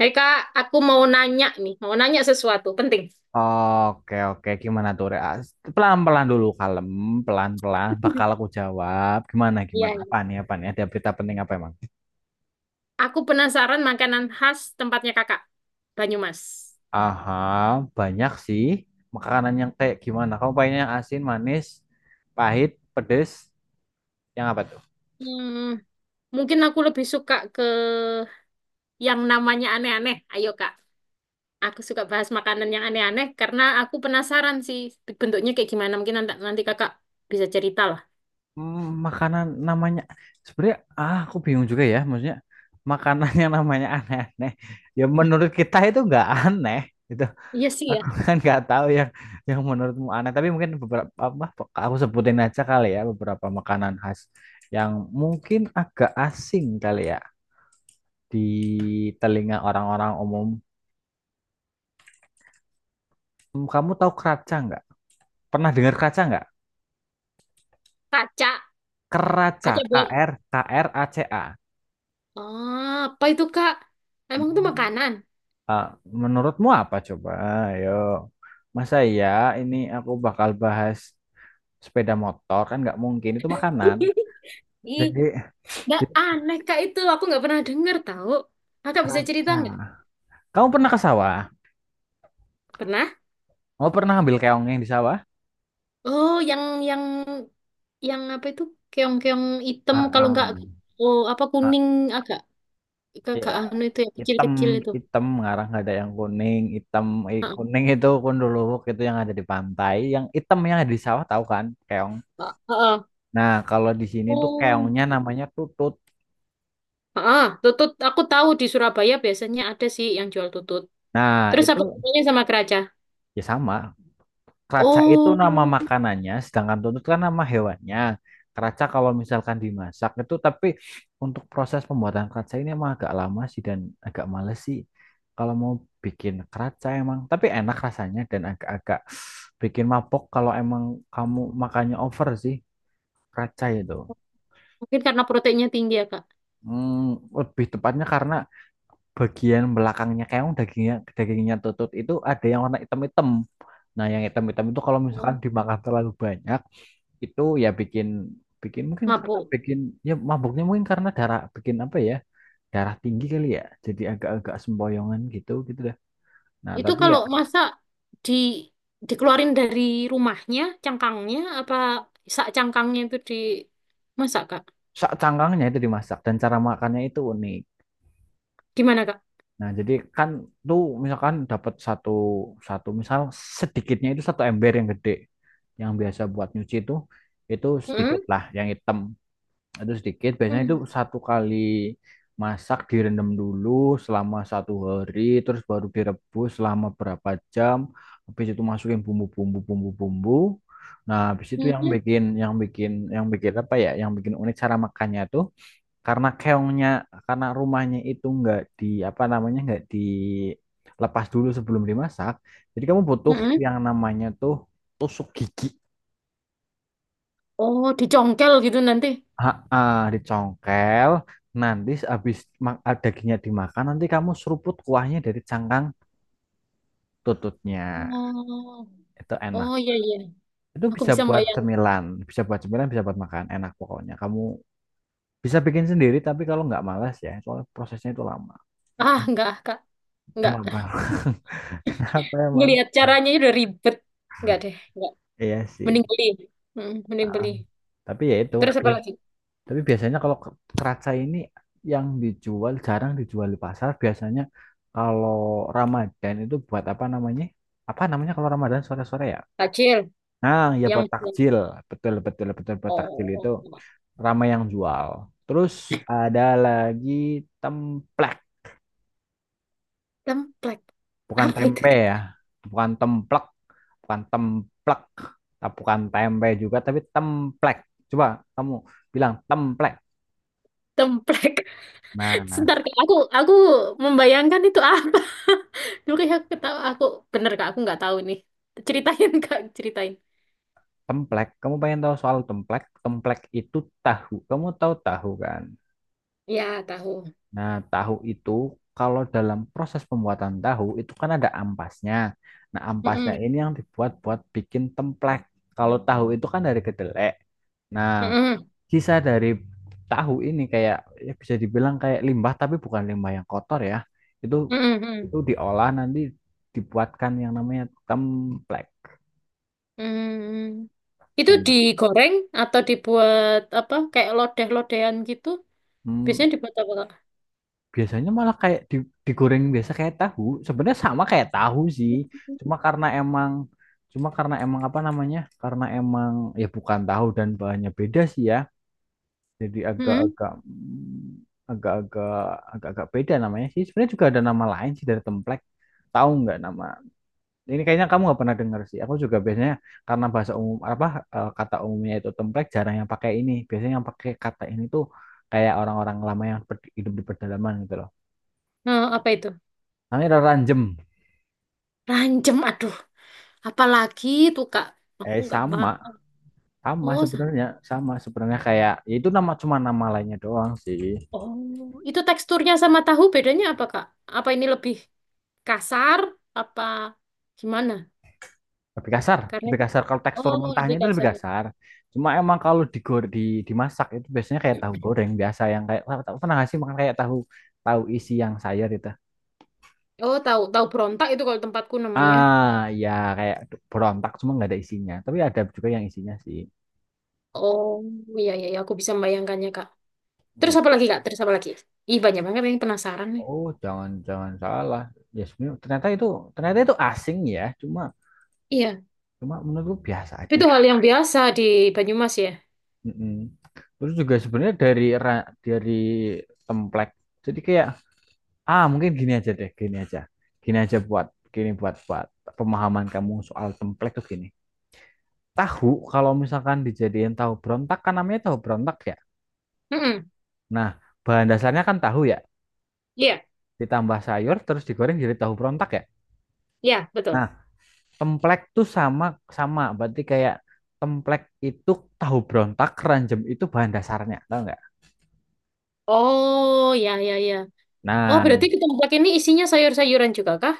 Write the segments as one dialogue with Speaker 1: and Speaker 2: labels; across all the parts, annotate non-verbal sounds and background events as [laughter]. Speaker 1: Hei Kak, aku mau nanya nih, mau nanya sesuatu penting.
Speaker 2: Oke, oke. Gimana tuh, Rea? Pelan-pelan dulu, kalem. Pelan-pelan. Bakal aku
Speaker 1: [laughs]
Speaker 2: jawab. Gimana, gimana?
Speaker 1: Iya, iya.
Speaker 2: Apa nih, apa nih? Ada berita penting apa emang?
Speaker 1: Aku penasaran makanan khas tempatnya Kakak, Banyumas.
Speaker 2: Aha, banyak sih. Makanan yang kayak gimana? Kamu pengennya yang asin, manis, pahit, pedes, yang apa tuh?
Speaker 1: Hmm, Mungkin aku lebih suka ke yang namanya aneh-aneh. Ayo Kak, aku suka bahas makanan yang aneh-aneh karena aku penasaran sih bentuknya kayak gimana. Mungkin nanti Kakak bisa cerita lah.
Speaker 2: Makanan namanya. Sebenarnya, aku bingung juga ya. Maksudnya, makanan [laughs] yang namanya aneh-aneh. Ya, menurut kita itu nggak aneh. Gitu.
Speaker 1: Iya sih ya.
Speaker 2: Aku [laughs] kan nggak tahu yang menurutmu aneh, tapi mungkin beberapa apa aku sebutin aja kali ya, beberapa makanan khas yang mungkin agak asing kali ya di telinga orang-orang umum. Kamu tahu keraca nggak? Pernah dengar keraca nggak?
Speaker 1: Kaca,
Speaker 2: Keraca,
Speaker 1: kaca black.
Speaker 2: Kraca.
Speaker 1: Ah, apa itu Kak? Emang itu
Speaker 2: Hmm.
Speaker 1: makanan?
Speaker 2: Ah, Menurutmu apa coba? Ayo. Masa ya ini aku bakal bahas sepeda motor, kan nggak mungkin itu makanan.
Speaker 1: [laughs] Ih,
Speaker 2: Jadi,
Speaker 1: nggak
Speaker 2: jadi
Speaker 1: aneh kak itu, aku nggak pernah dengar tahu. Kakak bisa cerita
Speaker 2: Keraca.
Speaker 1: nggak?
Speaker 2: Kamu pernah ke sawah?
Speaker 1: Pernah?
Speaker 2: Oh, pernah ambil keong yang di sawah?
Speaker 1: Oh, yang yang apa itu? Keong-keong hitam
Speaker 2: Ah,
Speaker 1: kalau nggak
Speaker 2: ah,
Speaker 1: oh apa
Speaker 2: ah.
Speaker 1: kuning agak
Speaker 2: Iya,
Speaker 1: agak anu itu yang
Speaker 2: hitam,
Speaker 1: kecil-kecil itu.
Speaker 2: hitam ngarang, nggak ada yang kuning hitam. Eh,
Speaker 1: Heeh.
Speaker 2: kuning itu kondolowok, itu yang ada di pantai. Yang hitam yang ada di sawah, tahu kan keong.
Speaker 1: Heeh.
Speaker 2: Nah, kalau di sini tuh
Speaker 1: Oh.
Speaker 2: keongnya namanya tutut.
Speaker 1: Heeh, tutut aku tahu di Surabaya biasanya ada sih yang jual tutut.
Speaker 2: Nah,
Speaker 1: Terus
Speaker 2: itu
Speaker 1: apa bedanya sama keraca?
Speaker 2: ya sama. Keraca itu nama
Speaker 1: Oh,
Speaker 2: makanannya, sedangkan tuntut kan nama hewannya. Keraca kalau misalkan dimasak itu, tapi untuk proses pembuatan keraca ini emang agak lama sih, dan agak males sih. Kalau mau bikin keraca emang, tapi enak rasanya, dan agak-agak bikin mabok kalau emang kamu makannya over sih, keraca itu.
Speaker 1: mungkin karena proteinnya tinggi ya, Kak.
Speaker 2: Hmm, Lebih tepatnya karena bagian belakangnya keong, dagingnya dagingnya tutut itu ada yang warna hitam-hitam. Nah, yang hitam-hitam itu kalau misalkan
Speaker 1: Oh,
Speaker 2: dimakan terlalu banyak, itu ya bikin bikin mungkin karena
Speaker 1: mabuk.
Speaker 2: bikin, ya mabuknya, mungkin karena darah, bikin apa ya, darah tinggi kali ya, jadi agak-agak sempoyongan gitu gitu dah. Nah,
Speaker 1: Itu
Speaker 2: tapi ya
Speaker 1: kalau masa di dikeluarin dari rumahnya, cangkangnya, apa sak cangkangnya itu di masak, Kak?
Speaker 2: sak cangkangnya itu dimasak, dan cara makannya itu unik.
Speaker 1: Gimana, Kak?
Speaker 2: Nah, jadi kan tuh misalkan dapat satu satu misal, sedikitnya itu satu ember yang gede yang biasa buat nyuci itu sedikit
Speaker 1: Mm-mm.
Speaker 2: lah yang hitam. Itu sedikit, biasanya itu
Speaker 1: Mm.
Speaker 2: satu kali masak direndam dulu selama satu hari, terus baru direbus selama berapa jam. Habis itu masukin bumbu-bumbu, nah, habis itu yang
Speaker 1: Mm-mm.
Speaker 2: bikin yang bikin apa ya, yang bikin unik cara makannya tuh, karena keongnya, karena rumahnya itu nggak di apa namanya, nggak dilepas dulu sebelum dimasak. Jadi kamu butuh
Speaker 1: Mm-mm.
Speaker 2: yang namanya tuh tusuk gigi.
Speaker 1: Oh, dicongkel gitu nanti.
Speaker 2: Dicongkel. Nanti habis dagingnya dimakan, nanti kamu seruput kuahnya dari cangkang tututnya.
Speaker 1: Oh,
Speaker 2: Itu
Speaker 1: oh
Speaker 2: enak.
Speaker 1: iya iya.
Speaker 2: Itu
Speaker 1: Aku
Speaker 2: bisa
Speaker 1: bisa
Speaker 2: buat
Speaker 1: bayangin.
Speaker 2: cemilan, bisa buat makan. Enak pokoknya. Kamu bisa bikin sendiri, tapi kalau nggak malas ya, soalnya prosesnya itu lama.
Speaker 1: Ah, enggak, Kak. Enggak.
Speaker 2: Kenapa? [laughs] Kenapa emang?
Speaker 1: Ngelihat caranya aja udah ribet. Enggak deh, enggak.
Speaker 2: Iya sih.
Speaker 1: Mending beli. Mm, mending
Speaker 2: Ah,
Speaker 1: beli.
Speaker 2: Tapi ya itu.
Speaker 1: Terus apa lagi?
Speaker 2: Tapi biasanya kalau keraca ini yang dijual, jarang dijual di pasar. Biasanya kalau Ramadan itu buat apa namanya? Apa namanya kalau Ramadan sore-sore ya?
Speaker 1: Tajil
Speaker 2: Nah, ya
Speaker 1: yang
Speaker 2: buat takjil. Betul, betul, betul, buat takjil itu
Speaker 1: oh,
Speaker 2: ramai yang jual. Terus ada lagi templek,
Speaker 1: templek.
Speaker 2: bukan
Speaker 1: Apa itu,
Speaker 2: tempe
Speaker 1: Kak?
Speaker 2: ya. Bukan templek, bukan templek. Nah, bukan tempe juga, tapi templek. Coba kamu bilang templek.
Speaker 1: Templek.
Speaker 2: Nah,
Speaker 1: Sebentar Kak, aku membayangkan itu apa. [laughs] Dulu kayak aku ketawa, aku bener Kak, aku nggak tahu nih. Ceritain Kak, ceritain.
Speaker 2: templek, kamu pengen tahu soal templek? Templek itu tahu. Kamu tahu tahu kan?
Speaker 1: Ya, tahu.
Speaker 2: Nah, tahu itu kalau dalam proses pembuatan tahu itu kan ada ampasnya. Nah, ampasnya
Speaker 1: Mm-mm.
Speaker 2: ini yang dibuat buat bikin templek. Kalau tahu itu kan dari kedelai. Nah,
Speaker 1: Mm-mm.
Speaker 2: sisa dari tahu ini kayak, ya bisa dibilang kayak limbah, tapi bukan limbah yang kotor ya. Itu,
Speaker 1: Mm-mm.
Speaker 2: diolah nanti, dibuatkan yang namanya templek.
Speaker 1: Mm. Itu
Speaker 2: Enak.
Speaker 1: digoreng atau dibuat apa? Kayak lodeh-lodehan gitu.
Speaker 2: Hmm,
Speaker 1: Biasanya dibuat apa Kak?
Speaker 2: Biasanya malah kayak digoreng biasa kayak tahu. Sebenarnya sama kayak tahu sih. Cuma karena emang cuma karena emang apa namanya? Karena emang ya bukan tahu, dan bahannya beda sih ya. Jadi
Speaker 1: Mm-mm.
Speaker 2: agak-agak agak-agak agak-agak beda namanya sih. Sebenarnya juga ada nama lain sih dari templek. Tahu nggak nama? Ini kayaknya kamu nggak pernah dengar sih. Aku juga biasanya karena bahasa umum apa, eh, kata umumnya itu templek, jarang yang pakai ini. Biasanya yang pakai kata ini tuh kayak orang-orang lama yang hidup di pedalaman gitu loh.
Speaker 1: Nah, apa itu?
Speaker 2: Namanya ranjem.
Speaker 1: Rancem, aduh. Apalagi tuh Kak. Aku
Speaker 2: Eh,
Speaker 1: nggak
Speaker 2: sama,
Speaker 1: paham.
Speaker 2: sama
Speaker 1: Oh, sa-
Speaker 2: sebenarnya, sama sebenarnya kayak, ya itu nama, cuma nama lainnya doang sih.
Speaker 1: oh, itu teksturnya sama tahu bedanya apa Kak? Apa ini lebih kasar apa gimana? Karena
Speaker 2: Lebih
Speaker 1: itu-
Speaker 2: kasar kalau tekstur
Speaker 1: oh
Speaker 2: mentahnya
Speaker 1: lebih
Speaker 2: itu lebih
Speaker 1: kasar.
Speaker 2: kasar. Cuma emang kalau digor di dimasak itu biasanya kayak tahu goreng biasa, yang kayak tahu, pernah nggak sih makan kayak tahu tahu isi yang sayur itu.
Speaker 1: Oh, tahu tahu berontak itu kalau tempatku namanya.
Speaker 2: Ah, Ya kayak berontak, cuma nggak ada isinya. Tapi ada juga yang isinya sih.
Speaker 1: Oh iya iya iya, aku bisa membayangkannya kak. Terus
Speaker 2: Wih,
Speaker 1: apa lagi kak? Terus apa lagi? Ih banyak banget ini penasaran nih.
Speaker 2: oh, jangan-jangan salah. Ya sebenarnya ternyata itu, asing ya. Cuma
Speaker 1: Iya,
Speaker 2: cuma menurutku biasa
Speaker 1: tapi
Speaker 2: aja.
Speaker 1: itu hal yang biasa di Banyumas ya.
Speaker 2: Mm-mm. Terus juga sebenarnya dari dari template. Jadi kayak, mungkin gini aja deh, gini aja. Gini aja buat gini buat buat pemahaman kamu soal template tuh gini. Tahu kalau misalkan dijadiin tahu berontak, kan namanya tahu berontak ya.
Speaker 1: Mm-mm.
Speaker 2: Nah, bahan dasarnya kan tahu ya.
Speaker 1: Iya
Speaker 2: Ditambah sayur terus digoreng jadi tahu berontak ya.
Speaker 1: iya betul.
Speaker 2: Nah, template tuh sama sama, berarti kayak, template itu tahu berontak, ranjem itu bahan dasarnya, tahu nggak?
Speaker 1: Oh iya iya iya. Oh
Speaker 2: Nah,
Speaker 1: berarti ke tempat ini isinya sayur-sayuran juga kak.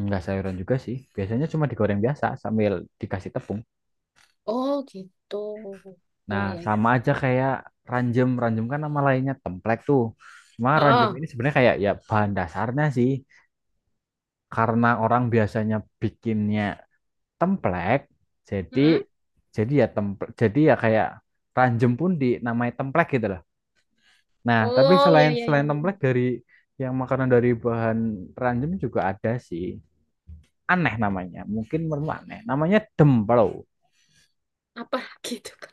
Speaker 2: enggak sayuran juga sih. Biasanya cuma digoreng biasa sambil dikasih tepung.
Speaker 1: Oh gitu. Iya
Speaker 2: Nah,
Speaker 1: iya iya.
Speaker 2: sama aja kayak ranjem. Ranjem kan nama lainnya templek tuh. Cuma ranjem
Speaker 1: Ah,
Speaker 2: ini
Speaker 1: ah.
Speaker 2: sebenarnya kayak, ya bahan dasarnya sih. Karena orang biasanya bikinnya templek, jadi
Speaker 1: Mm-mm.
Speaker 2: jadi ya templek, jadi ya kayak ranjem pun dinamai templek gitu loh. Nah, tapi
Speaker 1: Oh iya
Speaker 2: selain,
Speaker 1: iya iya.
Speaker 2: templek,
Speaker 1: Mm.
Speaker 2: dari yang makanan dari bahan ranjem juga ada sih. Aneh namanya. Mungkin menurutmu aneh. Namanya demplo.
Speaker 1: Apa [laughs] gitu kak?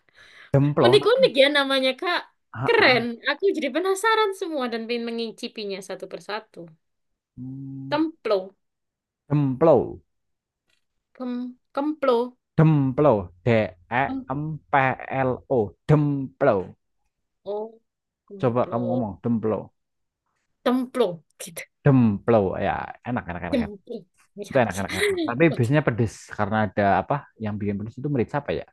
Speaker 2: Demplo.
Speaker 1: Unik-unik ya namanya, Kak. Keren.
Speaker 2: Heeh.
Speaker 1: Aku jadi penasaran semua dan pengen mengicipinya satu persatu.
Speaker 2: Hmm.
Speaker 1: Templo.
Speaker 2: Demplo,
Speaker 1: Kem, kemplo.
Speaker 2: demplo, D E
Speaker 1: Kem,
Speaker 2: M P L O, demplo.
Speaker 1: oh,
Speaker 2: Coba kamu
Speaker 1: kemplo.
Speaker 2: ngomong demplo,
Speaker 1: Templo. Gitu.
Speaker 2: demplo ya, enak enak enak enak.
Speaker 1: Templo. Ya,
Speaker 2: Itu enak
Speaker 1: ya.
Speaker 2: enak enak. Tapi
Speaker 1: Oke.
Speaker 2: biasanya pedes karena ada apa? Yang bikin pedes itu merica apa ya?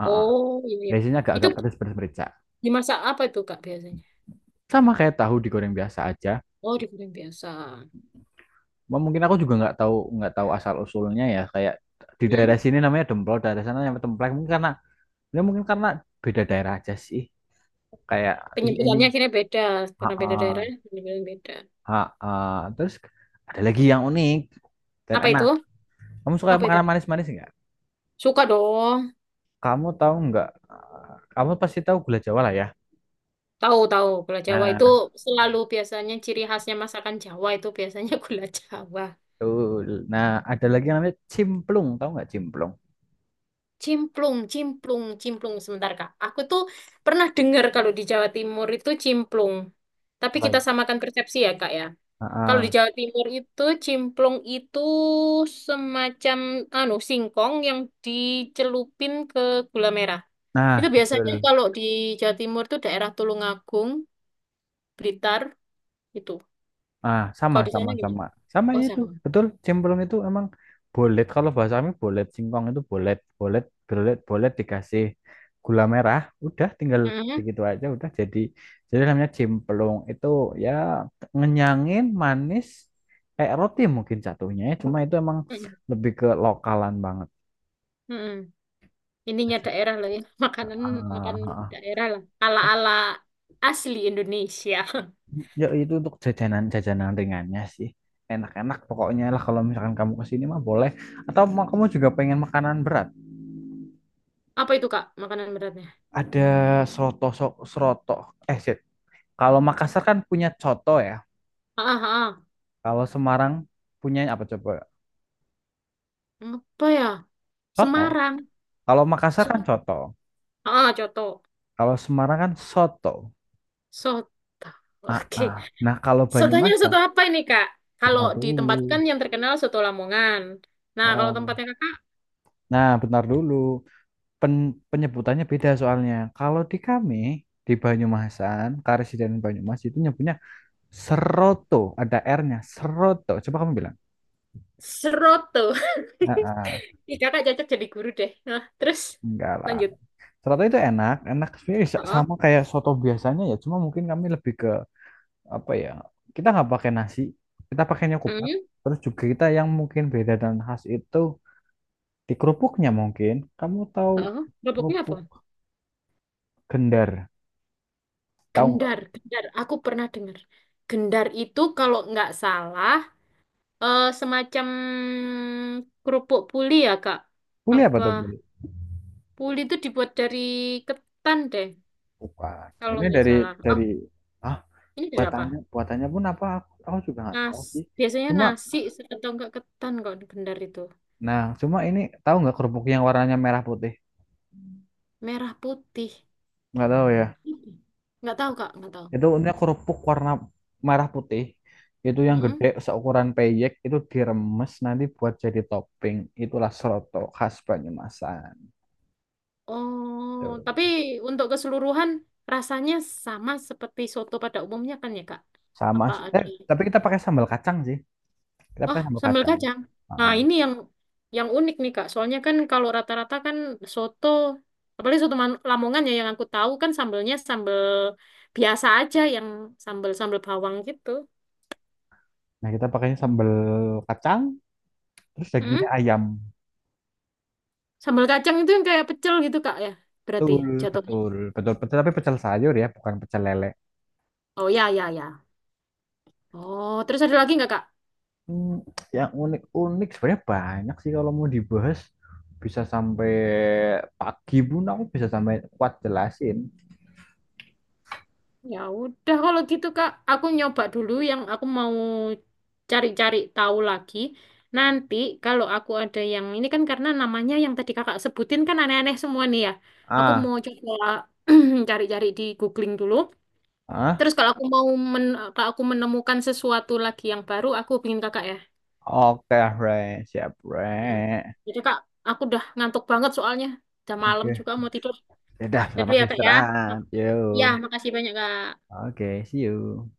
Speaker 2: Heeh.
Speaker 1: Oh, iya, iya.
Speaker 2: Biasanya
Speaker 1: Itu
Speaker 2: agak-agak pedes pedes merica.
Speaker 1: dimasak apa itu, Kak, biasanya?
Speaker 2: Sama kayak tahu digoreng biasa aja.
Speaker 1: Oh, digoreng biasa.
Speaker 2: Wah, mungkin aku juga nggak tahu asal usulnya ya. Kayak di
Speaker 1: Hmm?
Speaker 2: daerah sini namanya demplo, daerah sana namanya templek. Mungkin karena beda daerah aja sih. Kayak ini,
Speaker 1: Penyebutannya akhirnya beda. Karena beda daerah,
Speaker 2: heeh.
Speaker 1: penyebutan beda.
Speaker 2: Ha, terus ada lagi yang unik dan
Speaker 1: Apa itu?
Speaker 2: enak. Kamu suka
Speaker 1: Apa itu?
Speaker 2: makanan manis-manis nggak?
Speaker 1: Suka dong.
Speaker 2: Kamu tahu nggak? Kamu pasti tahu gula Jawa lah ya.
Speaker 1: Tahu tahu gula Jawa itu
Speaker 2: Nah,
Speaker 1: selalu biasanya ciri khasnya masakan Jawa itu biasanya [laughs] gula Jawa.
Speaker 2: betul. Nah, ada lagi yang namanya cimplung. Tahu nggak cimplung?
Speaker 1: Cimplung, sebentar Kak. Aku tuh pernah dengar kalau di Jawa Timur itu cimplung. Tapi
Speaker 2: Apa
Speaker 1: kita
Speaker 2: itu?
Speaker 1: samakan persepsi ya Kak ya.
Speaker 2: Ah,
Speaker 1: Kalau di
Speaker 2: ah.
Speaker 1: Jawa Timur itu cimplung itu semacam anu singkong yang dicelupin ke gula merah. Itu
Speaker 2: Nah,
Speaker 1: biasanya
Speaker 2: betul.
Speaker 1: kalau di Jawa Timur itu daerah Tulungagung, Blitar itu.
Speaker 2: Sama,
Speaker 1: Kalau di
Speaker 2: sama,
Speaker 1: sana gimana?
Speaker 2: sama. Sama
Speaker 1: Oh
Speaker 2: itu.
Speaker 1: sama.
Speaker 2: Betul, cemplung itu emang bolet, kalau bahasa kami bolet. Singkong itu bolet, bolet, bolet, bolet, dikasih gula merah, udah, tinggal
Speaker 1: Mhm.
Speaker 2: begitu aja udah jadi. Jadi namanya cemplung itu ya, ngenyangin, manis, kayak roti mungkin jatuhnya ya. Cuma itu emang
Speaker 1: Mhm.
Speaker 2: lebih ke lokalan banget.
Speaker 1: Mm-mm. Ininya daerah lah ya. [laughs] Makanan makan
Speaker 2: Ah,
Speaker 1: daerah lah. Ala-ala asli Indonesia.
Speaker 2: Ya itu untuk jajanan, jajanan ringannya sih. Enak-enak pokoknya lah, kalau misalkan kamu kesini mah, boleh. Atau kamu juga pengen makanan berat?
Speaker 1: [laughs] Apa itu, Kak? Makanan beratnya.
Speaker 2: Ada seroto, seroto, eh, shit. Kalau Makassar kan punya coto ya.
Speaker 1: Ah, ah, ah.
Speaker 2: Kalau Semarang punya apa coba?
Speaker 1: Apa ya?
Speaker 2: Coto.
Speaker 1: Semarang.
Speaker 2: Kalau Makassar kan
Speaker 1: So-
Speaker 2: coto.
Speaker 1: ah, coto.
Speaker 2: Kalau Semarang kan soto.
Speaker 1: Soto. [laughs]
Speaker 2: Ah,
Speaker 1: Oke.
Speaker 2: ah. Nah, kalau
Speaker 1: Sotonya
Speaker 2: Banyumasan,
Speaker 1: soto apa ini, Kak? Kalau
Speaker 2: bentar
Speaker 1: di tempat kan
Speaker 2: dulu.
Speaker 1: yang terkenal soto Lamongan. Nah, kalau
Speaker 2: Oh.
Speaker 1: tempatnya Kakak
Speaker 2: Nah, bentar dulu. Penyebutannya beda soalnya. Kalau di kami di Banyumasan, Karesidenan Banyumas itu nyebutnya seroto, ada R-nya, seroto. Coba kamu bilang.
Speaker 1: seroto.
Speaker 2: Ah, ah.
Speaker 1: [laughs] Ih, Kakak cocok jadi guru deh. Nah, terus
Speaker 2: Enggak lah.
Speaker 1: lanjut.
Speaker 2: Soto itu enak, enak sebenarnya,
Speaker 1: Ah
Speaker 2: sama
Speaker 1: ah.
Speaker 2: kayak soto biasanya ya, cuma mungkin kami lebih ke apa ya? Kita nggak pakai nasi, kita pakainya kupat.
Speaker 1: Hmm.
Speaker 2: Terus juga kita yang mungkin beda dan khas itu di kerupuknya mungkin. Kamu tahu
Speaker 1: Ah ah. Kerupuknya apa?
Speaker 2: kerupuk gendar? Tahu nggak?
Speaker 1: Gendar, gendar. Aku pernah dengar. Gendar itu kalau nggak salah eh, semacam kerupuk puli ya, Kak.
Speaker 2: Boleh apa
Speaker 1: Apa?
Speaker 2: tuh boleh?
Speaker 1: Puli itu dibuat dari ketan deh,
Speaker 2: Bukan.
Speaker 1: kalau
Speaker 2: Ini
Speaker 1: nggak
Speaker 2: dari,
Speaker 1: salah. Oh,
Speaker 2: dari ah
Speaker 1: ini dari apa?
Speaker 2: buatannya, pun apa? Aku juga nggak
Speaker 1: Nas.
Speaker 2: tahu sih.
Speaker 1: Biasanya
Speaker 2: Cuma
Speaker 1: nasi atau nggak ketan kok gendar itu.
Speaker 2: nah cuma ini tahu nggak kerupuk yang warnanya merah putih?
Speaker 1: Merah putih.
Speaker 2: Nggak tahu ya.
Speaker 1: Nggak tahu, Kak. Nggak tahu.
Speaker 2: Itu untuknya kerupuk warna merah putih. Itu yang
Speaker 1: Mm-mm.
Speaker 2: gede seukuran peyek, itu diremes nanti buat jadi topping. Itulah soto khas Banyumasan.
Speaker 1: Oh,
Speaker 2: Tuh.
Speaker 1: tapi untuk keseluruhan rasanya sama seperti soto pada umumnya kan ya, Kak?
Speaker 2: Sama
Speaker 1: Apa
Speaker 2: sih.
Speaker 1: ada?
Speaker 2: Eh, tapi kita pakai sambal kacang sih. Kita
Speaker 1: Oh,
Speaker 2: pakai sambal
Speaker 1: sambal
Speaker 2: kacang.
Speaker 1: kacang. Nah,
Speaker 2: Heeh.
Speaker 1: ini yang unik nih, Kak. Soalnya kan kalau rata-rata kan soto, apalagi soto Man- Lamongan ya yang aku tahu kan sambelnya sambel biasa aja yang sambel-sambel bawang gitu.
Speaker 2: Nah, kita pakainya sambal kacang, terus dagingnya
Speaker 1: Hmm?
Speaker 2: ayam.
Speaker 1: Sambal kacang itu yang kayak pecel gitu, Kak, ya. Berarti
Speaker 2: Betul,
Speaker 1: jatuhnya.
Speaker 2: betul, betul, betul. Tapi pecel sayur ya, bukan pecel lele.
Speaker 1: Oh, ya, ya, ya. Oh, terus ada lagi nggak, Kak?
Speaker 2: Hmm, yang unik-unik sebenarnya banyak sih, kalau mau dibahas bisa sampai pagi pun, aku bisa sampai kuat jelasin.
Speaker 1: Ya udah kalau gitu Kak, aku nyoba dulu yang aku mau cari-cari tahu lagi. Nanti kalau aku ada yang ini kan karena namanya yang tadi Kakak sebutin kan aneh-aneh semua nih ya. Aku
Speaker 2: Ah,
Speaker 1: mau coba [clears throat] cari-cari di googling dulu. Terus
Speaker 2: ah,
Speaker 1: kalau aku mau men kalau aku menemukan sesuatu lagi yang baru, aku hubungin Kakak ya.
Speaker 2: oke Re, siap
Speaker 1: Ya.
Speaker 2: Re.
Speaker 1: Jadi Kak, aku udah ngantuk banget soalnya. Udah malam
Speaker 2: Oke,
Speaker 1: juga mau tidur.
Speaker 2: ya udah,
Speaker 1: Jadi
Speaker 2: selamat
Speaker 1: ya Kak ya.
Speaker 2: istirahat. Yo,
Speaker 1: Ya, makasih banyak Kak.
Speaker 2: oke, see you.